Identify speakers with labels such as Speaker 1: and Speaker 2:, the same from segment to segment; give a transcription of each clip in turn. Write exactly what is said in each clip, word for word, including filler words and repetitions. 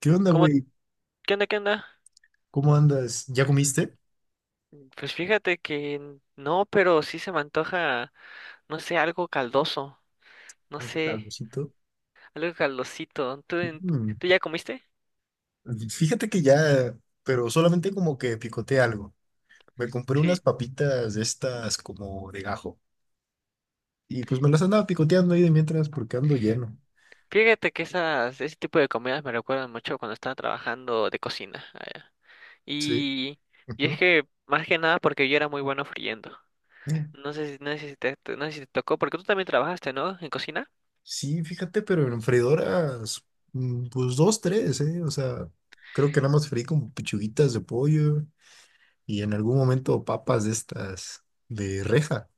Speaker 1: ¿Qué onda,
Speaker 2: ¿Cómo?
Speaker 1: güey?
Speaker 2: ¿Qué onda? ¿Qué onda?
Speaker 1: ¿Cómo andas? ¿Ya comiste?
Speaker 2: Pues fíjate que no, pero sí se me antoja, no sé, algo caldoso, no
Speaker 1: ¿Algo,
Speaker 2: sé,
Speaker 1: algocito?
Speaker 2: algo caldosito. ¿Tú, en-
Speaker 1: Mm.
Speaker 2: tú ya comiste?
Speaker 1: Fíjate que ya, pero solamente como que picoteé algo. Me compré unas
Speaker 2: Sí.
Speaker 1: papitas de estas como de gajo. Y pues me las andaba picoteando ahí de mientras porque ando lleno.
Speaker 2: Fíjate que esas, ese tipo de comidas me recuerdan mucho cuando estaba trabajando de cocina. allá.
Speaker 1: Sí.
Speaker 2: Y, y es
Speaker 1: Ujú.
Speaker 2: que, más que nada, porque yo era muy bueno friendo. No sé si, no sé si te, no sé si te tocó, porque tú también trabajaste, ¿no? En cocina.
Speaker 1: Sí, fíjate, pero en freidoras, mm, pues dos, tres, ¿eh? O sea, creo que nada más freí como pechuguitas de pollo y en algún momento papas de estas de reja.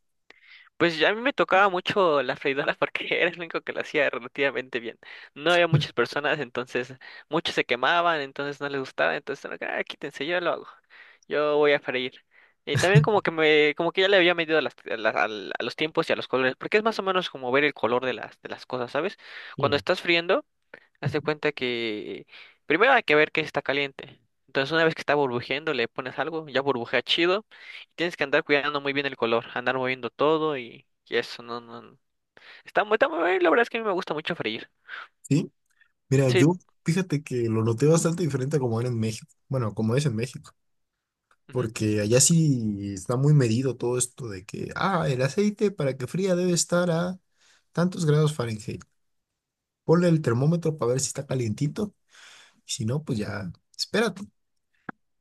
Speaker 2: Pues ya a mí me tocaba mucho la freidora porque era el único que la hacía relativamente bien. No había muchas personas, entonces muchos se quemaban, entonces no les gustaba, entonces era que, ah, quítense, yo lo hago. Yo voy a freír. Y también como que me, como que ya le había medido a, las- a las- al- a los tiempos y a los colores, porque es más o menos como ver el color de las, de las cosas, ¿sabes? Cuando
Speaker 1: Sí.
Speaker 2: estás friendo. Haz de cuenta que primero hay que ver que está caliente. Entonces, una vez que está burbujeando, le pones algo, ya burbujea chido. Y tienes que andar cuidando muy bien el color, andar moviendo todo y, y eso, no, no, no. Está muy, está muy bien, la verdad es que a mí me gusta mucho freír.
Speaker 1: ¿Sí? Mira,
Speaker 2: Sí,
Speaker 1: yo fíjate que lo noté bastante diferente a como era en México. Bueno, como es en México.
Speaker 2: ujú,
Speaker 1: Porque allá sí está muy medido todo esto de que, ah, el aceite para que fría debe estar a tantos grados Fahrenheit. Ponle el termómetro para ver si está calientito. Y si no, pues ya, espérate.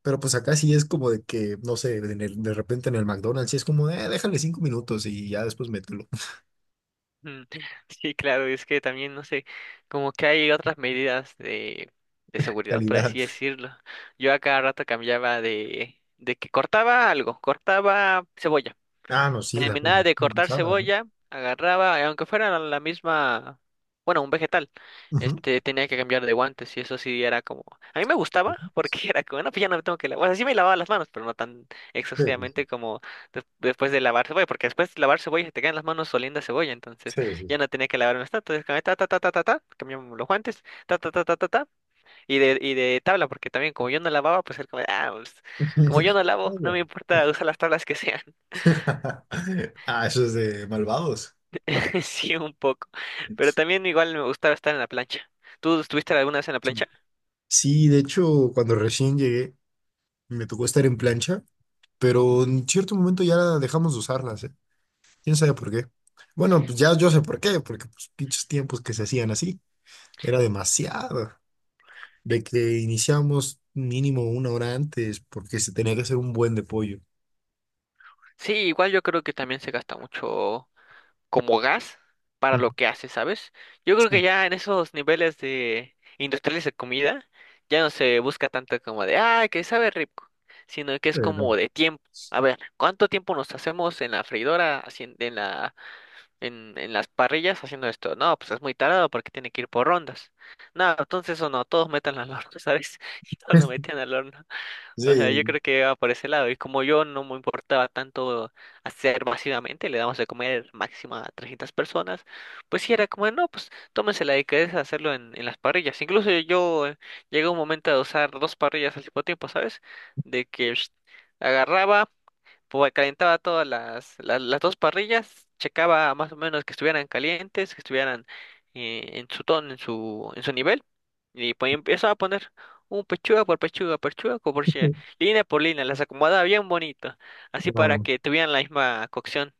Speaker 1: Pero pues acá sí es como de que, no sé, en el- de repente en el McDonald's sí es como, eh, déjale cinco minutos y ya después mételo.
Speaker 2: mm. Sí, claro, es que también, no sé, como que hay otras medidas de, de seguridad, por
Speaker 1: Calidad.
Speaker 2: así decirlo. Yo a cada rato cambiaba de, de que cortaba algo, cortaba cebolla.
Speaker 1: Ah, no, sí, la cruz-
Speaker 2: Terminaba de cortar
Speaker 1: cruzada, ¿no?
Speaker 2: cebolla, agarraba, eh, aunque fuera la la misma, bueno, un vegetal,
Speaker 1: Ujú.
Speaker 2: este, tenía que cambiar de guantes, y eso sí era como, a mí me gustaba porque era como, no, pues ya no me tengo que lavar, o sea, sí me lavaba las manos, pero no tan
Speaker 1: Sí, sí, sí.
Speaker 2: exhaustivamente como des- después de lavar cebolla, porque después de lavar cebolla se te quedan las manos oliendo a cebolla, entonces
Speaker 1: Sí, sí, sí.
Speaker 2: ya no tenía que lavarme tanto, entonces cambié, ta, ta, ta, ta, ta, ta, cambiamos los guantes, ta, ta, ta, ta, ta, ta, y de, y de tabla, porque también como yo no lavaba, pues era como, ah, pues, como yo no lavo,
Speaker 1: Ay,
Speaker 2: no
Speaker 1: güey.
Speaker 2: me importa usar las tablas que sean.
Speaker 1: Ah, eso es de malvados.
Speaker 2: Sí, un poco. Pero también igual me gustaba estar en la plancha. ¿Tú estuviste alguna vez en la
Speaker 1: Sí,
Speaker 2: plancha?
Speaker 1: sí, de hecho, cuando recién llegué, me tocó estar en plancha, pero en cierto momento ya dejamos de usarlas, ¿eh? ¿Quién sabe por qué? Bueno, pues ya yo sé por qué, porque pues pinches tiempos que se hacían así, era demasiado.
Speaker 2: Eh,
Speaker 1: De que iniciamos mínimo una hora antes, porque se tenía que hacer un buen de pollo.
Speaker 2: Sí, igual yo creo que también se gasta mucho como gas para
Speaker 1: Ujú.
Speaker 2: lo que hace, ¿sabes? Yo creo que
Speaker 1: Sí,
Speaker 2: ya en esos niveles de industriales de comida ya no se busca tanto como de, ah, que sabe rico, sino que es
Speaker 1: pero.
Speaker 2: como de tiempo. A ver, ¿cuánto tiempo nos hacemos en la freidora, haciendo, en la en, en las parrillas haciendo esto? No, pues es muy tarado porque tiene que ir por rondas. No, entonces o no, todos metan al horno, ¿sabes? Y todos lo metían al horno. O sea, yo
Speaker 1: Sí,
Speaker 2: creo que iba por ese lado. Y como yo no me importaba tanto hacer masivamente, le damos de comer máximo a trescientas personas, pues sí era como, no, pues tómense la delicadeza de hacerlo en, en las parrillas. Incluso yo eh, llegué a un momento de usar dos parrillas al mismo tiempo, ¿sabes? De que… Agarraba, pues calentaba todas las, las, las dos parrillas, checaba más o menos que estuvieran calientes, que estuvieran eh, en su tono, en su, en su nivel, y pues empezaba a poner un pechuga por pechuga, pechuga por pechuga, línea por línea, las acomodaba bien bonito, así para
Speaker 1: ah,
Speaker 2: que tuvieran la misma cocción.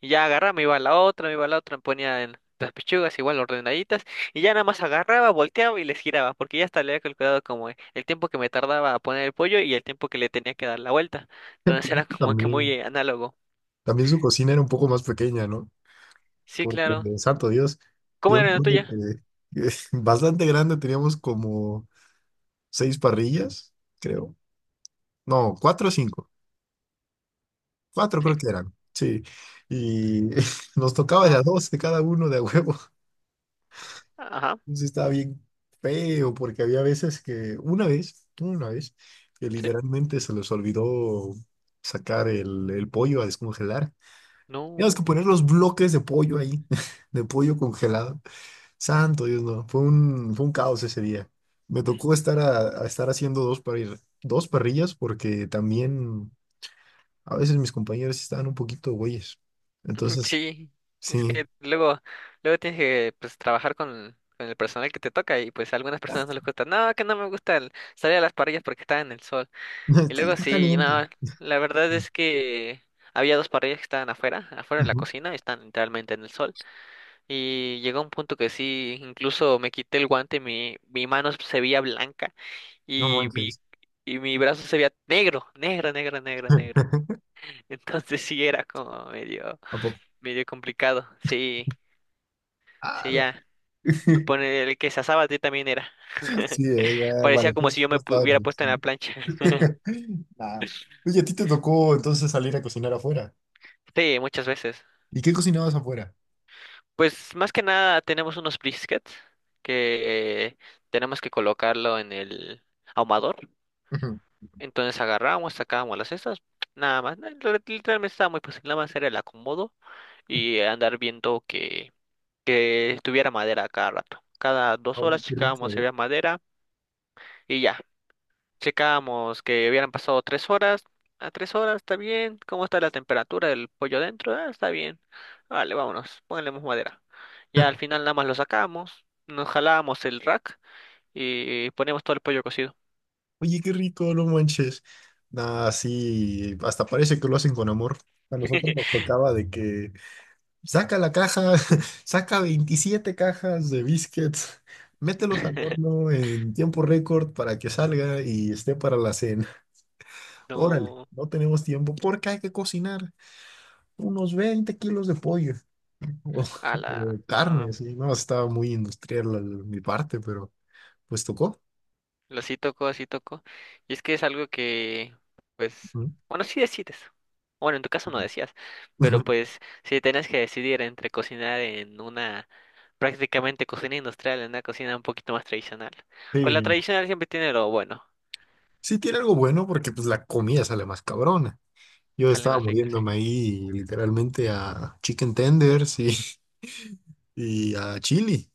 Speaker 2: Y ya agarraba, me iba a la otra, me iba a la otra, me ponía en las pechugas igual ordenaditas, y ya nada más agarraba, volteaba y les giraba, porque ya hasta le había calculado como el tiempo que me tardaba a poner el pollo y el tiempo que le tenía que dar la vuelta. Entonces era como que muy
Speaker 1: también,
Speaker 2: eh, análogo.
Speaker 1: también su cocina era un poco más pequeña, ¿no?
Speaker 2: Sí,
Speaker 1: Porque,
Speaker 2: claro.
Speaker 1: santo Dios,
Speaker 2: ¿Cómo
Speaker 1: yo me
Speaker 2: era la
Speaker 1: acuerdo
Speaker 2: tuya?
Speaker 1: que, que bastante grande teníamos como seis parrillas, creo. No, cuatro o cinco. Cuatro creo
Speaker 2: Sí,
Speaker 1: que eran, sí. Y nos tocaba de
Speaker 2: no,
Speaker 1: a dos de cada uno de a huevo.
Speaker 2: ajá,
Speaker 1: Entonces sí estaba bien feo, porque había veces que, una vez, una vez, que
Speaker 2: sí,
Speaker 1: literalmente se les olvidó sacar el, el pollo a descongelar. Teníamos que
Speaker 2: no,
Speaker 1: poner los bloques de pollo ahí, de pollo congelado. Santo Dios, no. Fue un, fue un caos ese día. Me tocó estar, a, a estar haciendo dos, parri- dos parrillas porque también a veces mis compañeros sí estaban un poquito güeyes. Entonces,
Speaker 2: sí. Es
Speaker 1: sí.
Speaker 2: que luego, luego tienes que pues trabajar con, con el personal que te toca, y pues a algunas personas no les gusta. No, que no me gusta el- salir a las parrillas porque está en el sol. Y
Speaker 1: Está,
Speaker 2: luego
Speaker 1: está
Speaker 2: sí,
Speaker 1: caliente.
Speaker 2: no, la verdad es que había dos parrillas que estaban afuera, afuera de la
Speaker 1: Ujú.
Speaker 2: cocina, están literalmente en el sol. Y llegó un punto que sí, incluso me quité el guante, y mi, mi mano se veía blanca,
Speaker 1: No
Speaker 2: y mi,
Speaker 1: manches.
Speaker 2: y mi brazo se veía negro, negro, negro, negro, negro. Entonces sí era como medio,
Speaker 1: ¿A poco?
Speaker 2: medio complicado. Sí, sí,
Speaker 1: ¡Hala!
Speaker 2: ya. Me pone el que se asaba ti también era.
Speaker 1: Sí, eh, ya
Speaker 2: Parecía
Speaker 1: parecía
Speaker 2: como
Speaker 1: que
Speaker 2: si yo
Speaker 1: no
Speaker 2: me pu-
Speaker 1: estaba en
Speaker 2: hubiera
Speaker 1: el
Speaker 2: puesto en la
Speaker 1: cine.
Speaker 2: plancha.
Speaker 1: Nah. Oye, a ti te tocó entonces salir a cocinar afuera.
Speaker 2: Sí, muchas veces.
Speaker 1: ¿Y qué cocinabas afuera?
Speaker 2: Pues más que nada tenemos unos briskets que tenemos que colocarlo en el ahumador.
Speaker 1: Ujú.
Speaker 2: Entonces agarramos, sacábamos las cestas, nada más. na- re- Literalmente estaba muy fácil, nada más era el acomodo y andar viendo que, que tuviera madera a cada rato. Cada dos
Speaker 1: Oye,
Speaker 2: horas
Speaker 1: qué
Speaker 2: checábamos
Speaker 1: rico.
Speaker 2: si había madera y ya. Checamos que hubieran pasado tres horas. A tres horas está bien. ¿Cómo está la temperatura del pollo dentro? Ah, está bien. Vale, vámonos. Pónganle más madera. Ya al final nada más lo sacamos. Nos jalamos el rack y ponemos todo el pollo cocido.
Speaker 1: Oye, qué rico, no manches. Nah, sí, hasta parece que lo hacen con amor. A nosotros nos tocaba de que saca la caja, saca veintisiete cajas de biscuits, mételos al horno en tiempo récord para que salga y esté para la cena. Órale,
Speaker 2: No,
Speaker 1: no tenemos tiempo porque hay que cocinar unos veinte kilos de pollo o,
Speaker 2: a la
Speaker 1: o
Speaker 2: no,
Speaker 1: carne,
Speaker 2: pues,
Speaker 1: sí. No, estaba muy industrial la- mi parte, pero pues tocó.
Speaker 2: lo sí tocó, así tocó. Y es que es algo que, pues,
Speaker 1: ¿No?
Speaker 2: bueno, sí decides. Bueno, en tu caso no decías, pero pues, si tenías que decidir entre cocinar en una prácticamente cocina industrial, en una cocina un poquito más tradicional. Pues
Speaker 1: Sí,
Speaker 2: la
Speaker 1: no.
Speaker 2: tradicional siempre tiene lo bueno,
Speaker 1: Sí tiene algo bueno porque pues la comida sale más cabrona. Yo
Speaker 2: sale
Speaker 1: estaba
Speaker 2: más rica, sí.
Speaker 1: muriéndome ahí literalmente a chicken tenders y, y a chili.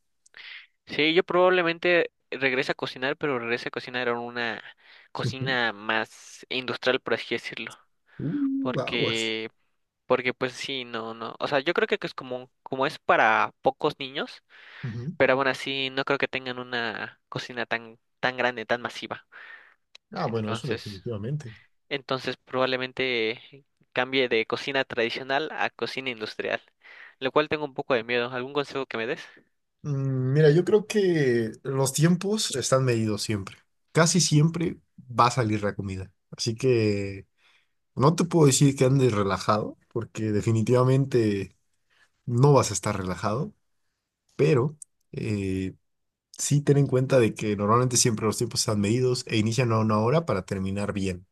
Speaker 2: Sí, yo probablemente regrese a cocinar, pero regrese a cocinar en una
Speaker 1: Ujú.
Speaker 2: cocina más industrial, por así decirlo,
Speaker 1: Uh, aguas.
Speaker 2: porque porque pues sí, no, no, o sea, yo creo que que es como como es para pocos niños,
Speaker 1: Ujú.
Speaker 2: pero aún así no creo que tengan una cocina tan tan grande, tan masiva.
Speaker 1: Ah, bueno, eso
Speaker 2: Entonces,
Speaker 1: definitivamente.
Speaker 2: Entonces probablemente cambie de cocina tradicional a cocina industrial, lo cual tengo un poco de miedo. ¿Algún consejo que me des?
Speaker 1: Mm, mira, yo creo que los tiempos están medidos siempre. Casi siempre va a salir la comida. Así que no te puedo decir que andes relajado porque definitivamente no vas a estar relajado, pero... eh, Sí, ten en cuenta de que normalmente siempre los tiempos están medidos e inician a una hora para terminar bien.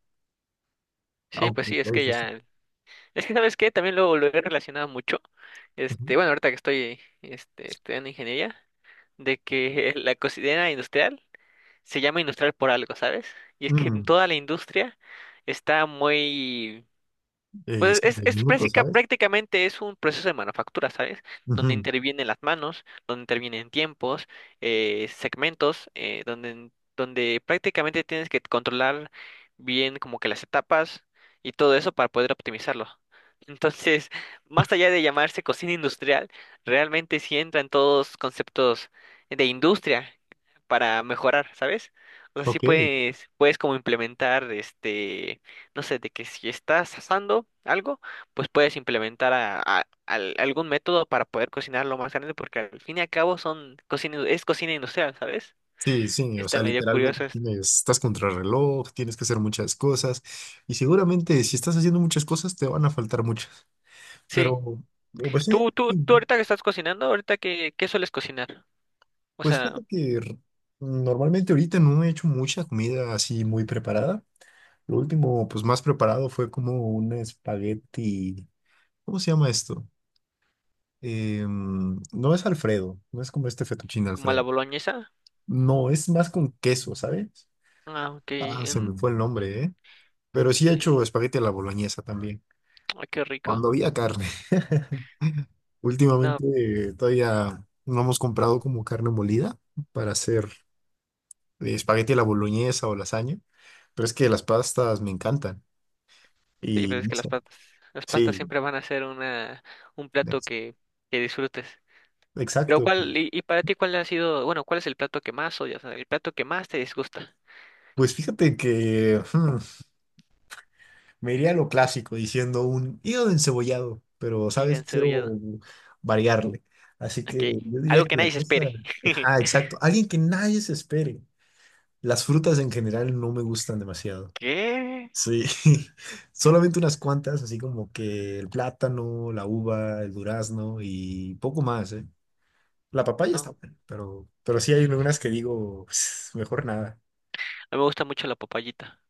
Speaker 2: Sí,
Speaker 1: Aunque
Speaker 2: pues sí,
Speaker 1: lo
Speaker 2: es que
Speaker 1: dices así.
Speaker 2: ya… Es que, ¿sabes qué? También lo, lo he relacionado mucho.
Speaker 1: Ujú.
Speaker 2: Este, bueno, ahorita que estoy este, estudiando ingeniería, de que la cocina industrial se llama industrial por algo, ¿sabes? Y es que en
Speaker 1: Mm,
Speaker 2: toda la industria está muy…
Speaker 1: eh,
Speaker 2: Pues
Speaker 1: cinco
Speaker 2: es, es
Speaker 1: minutos,
Speaker 2: práctica-
Speaker 1: ¿sabes?
Speaker 2: prácticamente es un proceso de manufactura, ¿sabes? Donde
Speaker 1: Ujú.
Speaker 2: intervienen las manos, donde intervienen tiempos, eh, segmentos, eh, donde, donde prácticamente tienes que controlar bien como que las etapas y todo eso para poder optimizarlo. Entonces, más allá de llamarse cocina industrial, realmente sí entran todos conceptos de industria para mejorar, ¿sabes? O sea, sí
Speaker 1: Ok.
Speaker 2: puedes, puedes como implementar este, no sé, de que si estás asando algo, pues puedes implementar a- a- al- algún método para poder cocinarlo más grande, porque al fin y al cabo son cocina, es cocina industrial, ¿sabes?
Speaker 1: Sí, sí,
Speaker 2: Sí.
Speaker 1: o
Speaker 2: Está
Speaker 1: sea,
Speaker 2: medio
Speaker 1: literalmente
Speaker 2: curioso esto.
Speaker 1: tienes, estás contra el reloj, tienes que hacer muchas cosas y seguramente si estás haciendo muchas cosas te van a faltar muchas,
Speaker 2: Sí.
Speaker 1: pero pero pues sí,
Speaker 2: ¿Tú, tú, tú ahorita que estás cocinando, ahorita qué, qué sueles cocinar? O
Speaker 1: pues
Speaker 2: sea,
Speaker 1: fíjate que r- normalmente ahorita no he hecho mucha comida así muy preparada. Lo último, pues más preparado fue como un espagueti. ¿Cómo se llama esto? Em, no es Alfredo, no es como este fettuccine
Speaker 2: como a la
Speaker 1: Alfredo.
Speaker 2: boloñesa.
Speaker 1: No, es más con queso, ¿sabes?
Speaker 2: Ah, ok.
Speaker 1: Ah, se
Speaker 2: en-
Speaker 1: me fue el nombre, ¿eh? Pero sí he
Speaker 2: eh,
Speaker 1: hecho espagueti a la boloñesa también,
Speaker 2: ay, qué rico.
Speaker 1: cuando había carne.
Speaker 2: No,
Speaker 1: Últimamente eh, todavía no hemos comprado como carne molida para hacer eh, espagueti a la boloñesa o lasaña, pero es que las pastas me encantan
Speaker 2: sí,
Speaker 1: y
Speaker 2: pues es
Speaker 1: no
Speaker 2: que las
Speaker 1: sé,
Speaker 2: pastas, las pastas
Speaker 1: sí,
Speaker 2: siempre van a ser una, un plato
Speaker 1: ex-
Speaker 2: que, que disfrutes. Pero
Speaker 1: exacto.
Speaker 2: cuál, y, y para ti, ¿cuál ha sido, bueno, cuál es el plato que más odias, el plato que más te disgusta?
Speaker 1: Pues fíjate que me iría a lo clásico diciendo un hígado encebollado, pero,
Speaker 2: Y
Speaker 1: ¿sabes? Quiero
Speaker 2: encebollado.
Speaker 1: variarle. Así que
Speaker 2: Aquí,
Speaker 1: yo diría
Speaker 2: algo
Speaker 1: que
Speaker 2: que
Speaker 1: la
Speaker 2: nadie se espere.
Speaker 1: cosa. Ah, exacto. Alguien que nadie se espere. Las frutas en general no me gustan demasiado.
Speaker 2: ¿Qué?
Speaker 1: Sí, solamente unas cuantas, así como que el plátano, la uva, el durazno y poco más, ¿eh? La papaya está
Speaker 2: No,
Speaker 1: buena, pero, pero sí
Speaker 2: a
Speaker 1: hay algunas que digo, "Pues, mejor nada.
Speaker 2: mí me gusta mucho la papayita.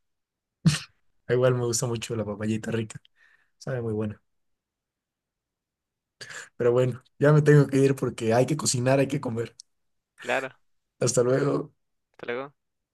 Speaker 1: Igual me gusta mucho la papayita rica, sabe muy buena. Pero bueno, ya me tengo que ir porque hay que cocinar, hay que comer.
Speaker 2: Claro,
Speaker 1: Hasta luego.
Speaker 2: hasta luego.